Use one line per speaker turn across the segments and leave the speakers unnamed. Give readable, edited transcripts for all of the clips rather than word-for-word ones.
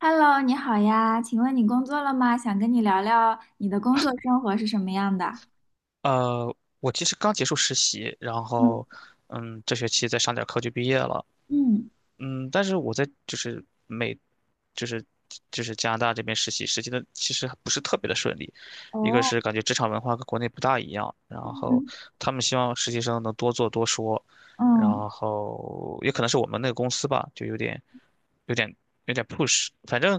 Hello，你好呀，请问你工作了吗？想跟你聊聊你的工作生活是什么样的。
呃，我其实刚结束实习，然
嗯
后，这学期再上点课就毕业了。
嗯。
但是我在就是美，就是就是加拿大这边实习，实习的其实不是特别的顺利。一个
哦。
是感觉职场文化跟国内不大一样，然后
嗯
他们希望实习生能多做多说，然
嗯。
后也可能是我们那个公司吧，就有点有点 push,反正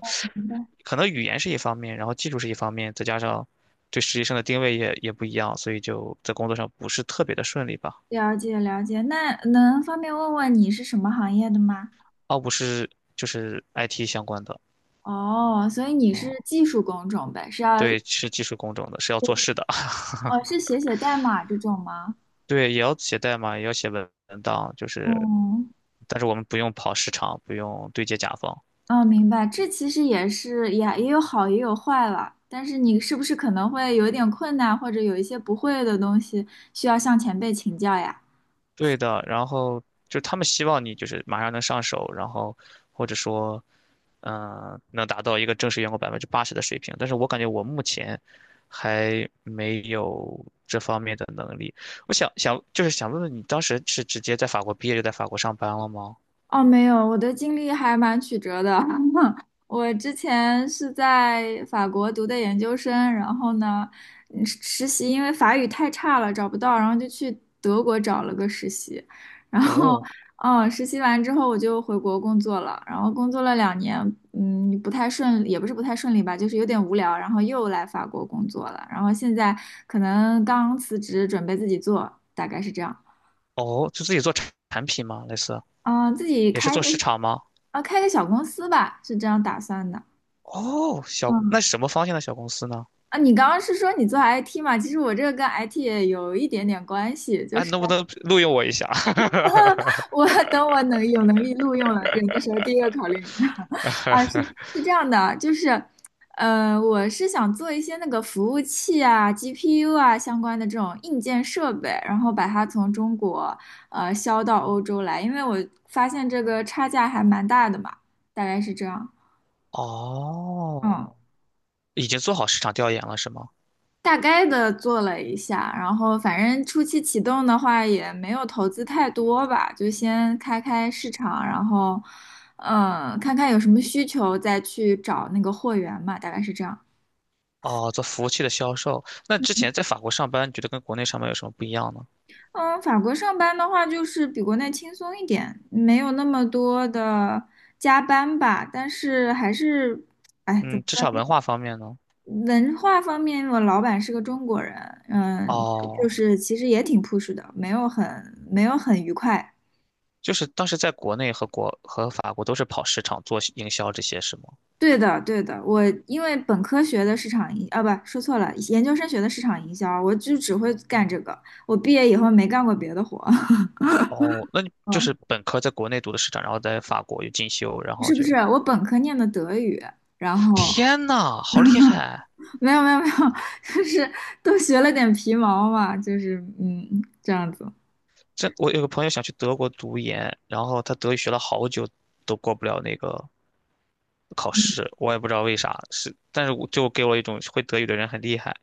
可能语言是一方面，然后技术是一方面，再加上对实习生的定位也不一样，所以就在工作上不是特别的顺利吧。
了解了解。那能方便问问你是什么行业的吗？
奥布是就是 IT 相关的，
哦，所以你
哦，
是技术工种呗，是要。
对，是技术工种的，是要做事的，
哦，是写写代码这种吗？
对，也要写代码，也要写文档，就是，
嗯。
但是我们不用跑市场，不用对接甲方，
哦，明白。这其实也是，也有好也有坏了，但是你是不是可能会有点困难，或者有一些不会的东西需要向前辈请教呀？
对的，然后就他们希望你就是马上能上手，然后或者说，能达到一个正式员工80%的水平。但是我感觉我目前还没有这方面的能力。我想想，就是想问问你，当时是直接在法国毕业就在法国上班了吗？
哦，没有，我的经历还蛮曲折的。我之前是在法国读的研究生，然后呢，实习因为法语太差了找不到，然后就去德国找了个实习，然后，
哦
实习完之后我就回国工作了，然后工作了两年。不太顺利也不是不太顺利吧，就是有点无聊，然后又来法国工作了，然后现在可能刚辞职，准备自己做，大概是这样。
哦，就自己做产品吗？类似
啊，自己
也是
开
做
个。
市场吗？
啊，开个小公司吧，是这样打算的。
哦，小，
嗯。
那是什么方向的小公司呢？
啊，你刚刚是说你做 IT 嘛？其实我这个跟 IT 也有一点点关系，就
哎，
是
能不能录用我一下？
我 等我能有能力录用了人的时候，第一个考虑你。啊，是这样的，就是，我是想做一些那个服务器啊、GPU 啊相关的这种硬件设备，然后把它从中国销到欧洲来，因为我发现这个差价还蛮大的嘛，大概是这样。嗯，
哦。已经做好市场调研了，是吗？
大概的做了一下，然后反正初期启动的话也没有投资太多吧，就先开开市场，然后，看看有什么需求再去找那个货源嘛，大概是这样。
哦，做服务器的销售。那之前在法国上班，你觉得跟国内上班有什么不一样呢？
嗯，法国上班的话，就是比国内轻松一点，没有那么多的加班吧。但是还是，哎，怎么
嗯，职
说
场文
呢？
化方面呢？
文化方面，我老板是个中国人。嗯，就
哦，
是其实也挺 push 的，没有很愉快。
就是当时在国内和法国都是跑市场做营销这些是吗？
对的，对的，我因为本科学的市场营，啊，不，说错了，研究生学的市场营销，我就只会干这个。我毕业以后没干过别的活。
哦，那你就
嗯，
是本科在国内读的市场，然后在法国又进修，然后
是不
就，
是？我本科念的德语，然后
天呐，好厉害！
没有没有没有。就是都学了点皮毛嘛，就是这样子。
这我有个朋友想去德国读研，然后他德语学了好久都过不了那个考试，我也不知道为啥，是，但是我就给我一种会德语的人很厉害。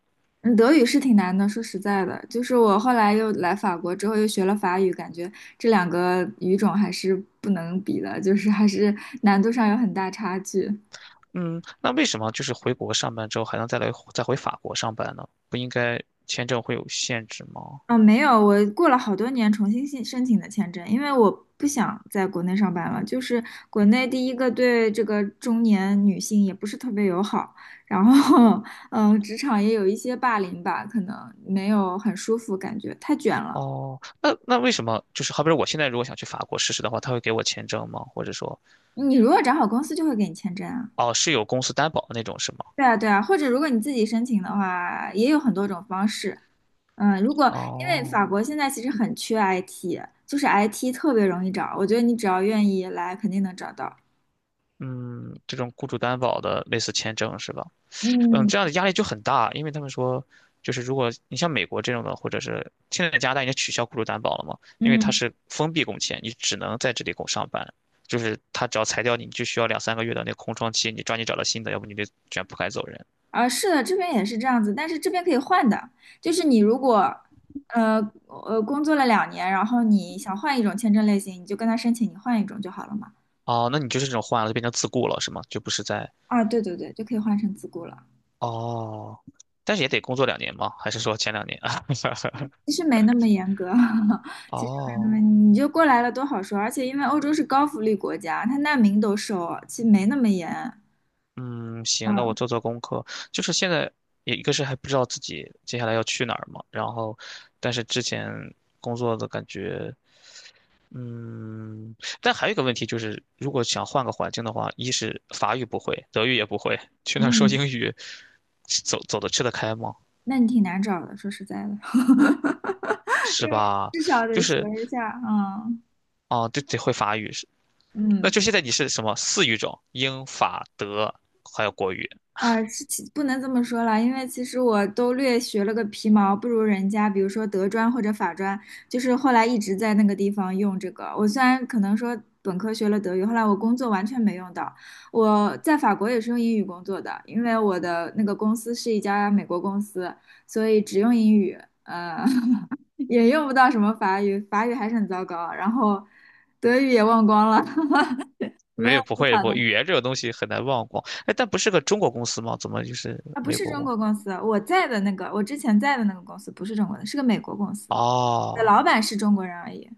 嗯，德语是挺难的，说实在的，就是我后来又来法国之后又学了法语，感觉这两个语种还是不能比的，就是还是难度上有很大差距。
嗯，那为什么就是回国上班之后还能再来再回法国上班呢？不应该签证会有限制吗？
嗯，没有，我过了好多年重新申请的签证，因为我不想在国内上班了。就是国内第一个对这个中年女性也不是特别友好，然后 职场也有一些霸凌吧，可能没有很舒服，感觉太卷了。
哦，那为什么就是好比说我现在如果想去法国试试的话，他会给我签证吗？或者说，
你如果找好公司就会给你签证啊。
哦，是有公司担保的那种是吗？
对啊，对啊，或者如果你自己申请的话，也有很多种方式。嗯，如果因为
哦，
法国现在其实很缺 IT，就是 IT 特别容易找，我觉得你只要愿意来，肯定能找到。
嗯，这种雇主担保的类似签证是吧？嗯，
嗯。
这样的压力就很大，因为他们说，就是如果你像美国这种的，或者是现在加拿大已经取消雇主担保了嘛，因为它
嗯。
是封闭工签，你只能在这里上班，就是他只要裁掉你，你就需要两三个月的那个空窗期，你抓紧找到新的，要不你得卷铺盖走人。
啊，是的，这边也是这样子，但是这边可以换的，就是你如果，呃工作了两年，然后你想换一种签证类型，你就跟他申请，你换一种就好了嘛。
哦，那你就是这种换了，就变成自雇了是吗？就不是在
啊，对对对，就可以换成自雇了。
哦，但是也得工作两年吗？还是说前两年？
其实没那么严格，其实没那么，
哦，
你就过来了多好说。而且因为欧洲是高福利国家，他难民都收，其实没那么严。
嗯，行，那我
嗯
做做功课。就是现在也一个是还不知道自己接下来要去哪儿嘛，然后，但是之前工作的感觉，嗯，但还有一个问题就是，如果想换个环境的话，一是法语不会，德语也不会，去那儿说
嗯。
英语，走走得吃得开吗？
那你挺难找的，说实在的。
是
因为
吧？
至少
就
得学
是
一下。嗯
啊，对，得会法语是。那
嗯。
就现在你是什么四语种？英法德还有国语。
啊，是其不能这么说了，因为其实我都略学了个皮毛，不如人家，比如说德专或者法专，就是后来一直在那个地方用这个。我虽然可能说本科学了德语，后来我工作完全没用到。我在法国也是用英语工作的，因为我的那个公司是一家美国公司，所以只用英语，呃，也用不到什么法语，法语还是很糟糕，然后德语也忘光了。没
没
有
有，不
思
会，不，
想
语言这个东西很难忘光。哎，但不是个中国公司吗？怎么就是
啊，不
美
是
国
中
公？
国公司，我在的那个，我之前在的那个公司不是中国的，是个美国公司，的
哦
老板是中国人而已。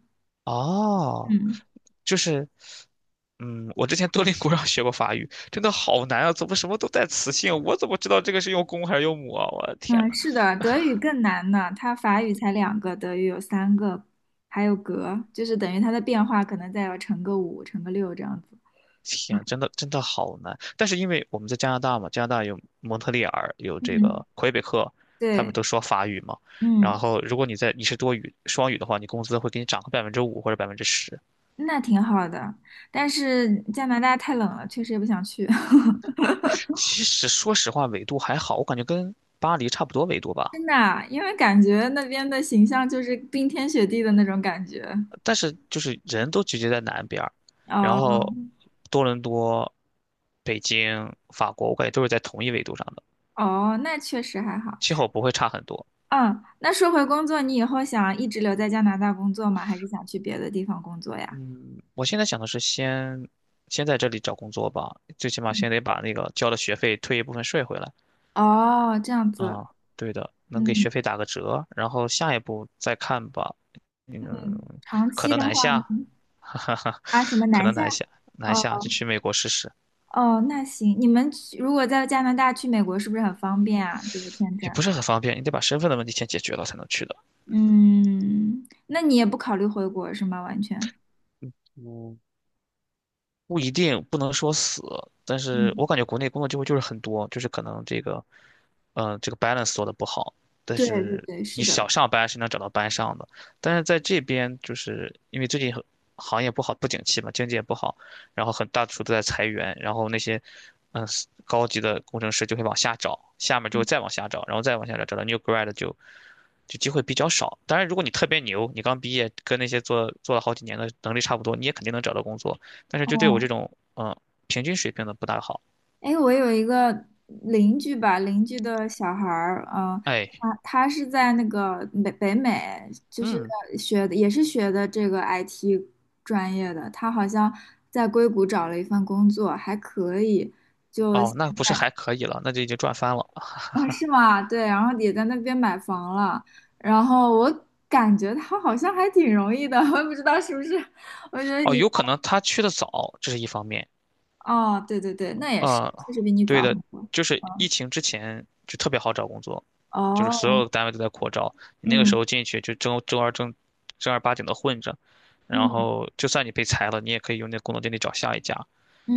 哦，
嗯
就是，嗯，我之前多邻国上学过法语，真的好难啊！怎么什么都带词性？我怎么知道这个是用公还是用母啊？我的天
嗯，
呐，
是的，德语更难呢，它法语才两个，德语有3个，还有格，就是等于它的变化可能再要乘个五、乘个六这样子。
天，真的真的好难。但是因为我们在加拿大嘛，加拿大有蒙特利尔，有这
嗯，
个魁北克，他们
对。
都说法语嘛。
嗯，
然后如果你是多语双语的话，你工资会给你涨个5%或者10%。
那挺好的，但是加拿大太冷了，确实也不想去。
其实说实话，纬度还好，我感觉跟巴黎差不多纬度 吧。
真的啊，因为感觉那边的形象就是冰天雪地的那种感觉。
但是就是人都聚集在南边儿然
哦
后多伦多、北京、法国，我感觉都是在同一纬度上的，
哦，那确实还好。
气候不会差很多。
嗯，那说回工作，你以后想一直留在加拿大工作吗？还是想去别的地方工作呀？
嗯，我现在想的是先在这里找工作吧，最起码
嗯。
先得把那个交的学费退一部分税回来。
哦，这样子。
啊，对的，能给
嗯
学费打个折，然后下一步再看吧。
嗯，
嗯，
长
可
期
能
的
南
话
下，
呢？
哈哈
啊，什么
可
南
能
下？
南下，南
哦
下就去美国试试，
哦，那行，你们去如果在加拿大去美国，是不是很方便啊？这个签
也
证，
不是很方便，你得把身份的问题先解决了才能去的。
嗯，那你也不考虑回国是吗？完全，
嗯。不一定不能说死，但是
嗯，
我感觉国内工作机会就是很多，就是可能这个，嗯，这个 balance 做的不好，但
对对
是
对，是
你想
的。
上班是能找到班上的，但是在这边就是因为最近很行业不好，不景气嘛，经济也不好，然后很大程度在裁员，然后那些，嗯、高级的工程师就会往下找，下面就会再往下找，然后再往下找，找到 new grad 就机会比较少。当然，如果你特别牛，你刚毕业，跟那些做了好几年的能力差不多，你也肯定能找到工作。但是就对我
哦。
这种平均水平的不大好。
哎，我有一个邻居吧，邻居的小孩儿，
哎，
他是在那个北美，就是
嗯，
学的也是学的这个 IT 专业的，他好像在硅谷找了一份工作，还可以，就
哦，
现
那不是
在。
还可以了，那就已经赚翻了。
啊，是吗？对，然后也在那边买房了，然后我感觉他好像还挺容易的，我也不知道是不是，我觉得
哦，
以，
有可能他去的早，这是一方面；
哦，对对对，那也是，
啊、
确实比你
对
早
的，
很多。
就是
嗯。
疫情之前就特别好找工作，就是所有
哦。
的单位都在扩招，你那个时
嗯
候进去就正儿八经的混着，然
嗯。
后就算你被裁了，你也可以用那工作经历找下一家。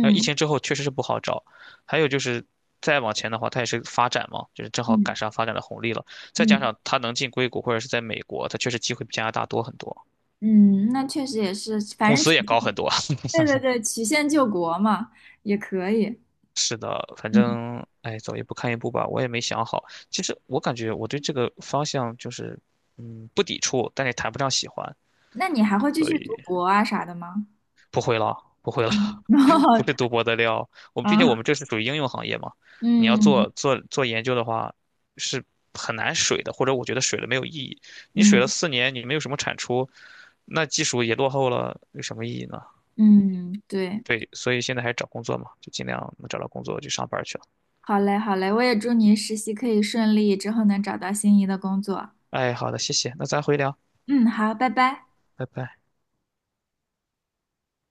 那疫情之后确实是不好找，还有就是再往前的话，它也是发展嘛，就是正好赶
嗯
上发展的红利了，再加
嗯
上它能进硅谷或者是在美国，它确实机会比加拿大多很多，
嗯，那确实也是，反
工
正曲
资也
线，
高很多。
对对对，曲线救国嘛，也可以。
是的，反
嗯，
正哎，走一步看一步吧，我也没想好。其实我感觉我对这个方向就是，嗯，不抵触，但也谈不上喜欢，
那你还会继
所
续读
以
博啊啥的吗？
不会了，不会了，
嗯，然后
不是读博的料。我们毕竟我
啊，
们这是属于应用行业嘛，你要
嗯
做研究的话，是很难水的，或者我觉得水了没有意义。你水了
嗯
4年，你没有什么产出，那技术也落后了，有什么意义呢？
嗯，对，
对，所以现在还是找工作嘛，就尽量能找到工作就上班去了。
好嘞好嘞，我也祝你实习可以顺利，之后能找到心仪的工作。
哎，好的，谢谢，那咱回聊。
嗯，好，拜拜。
拜拜。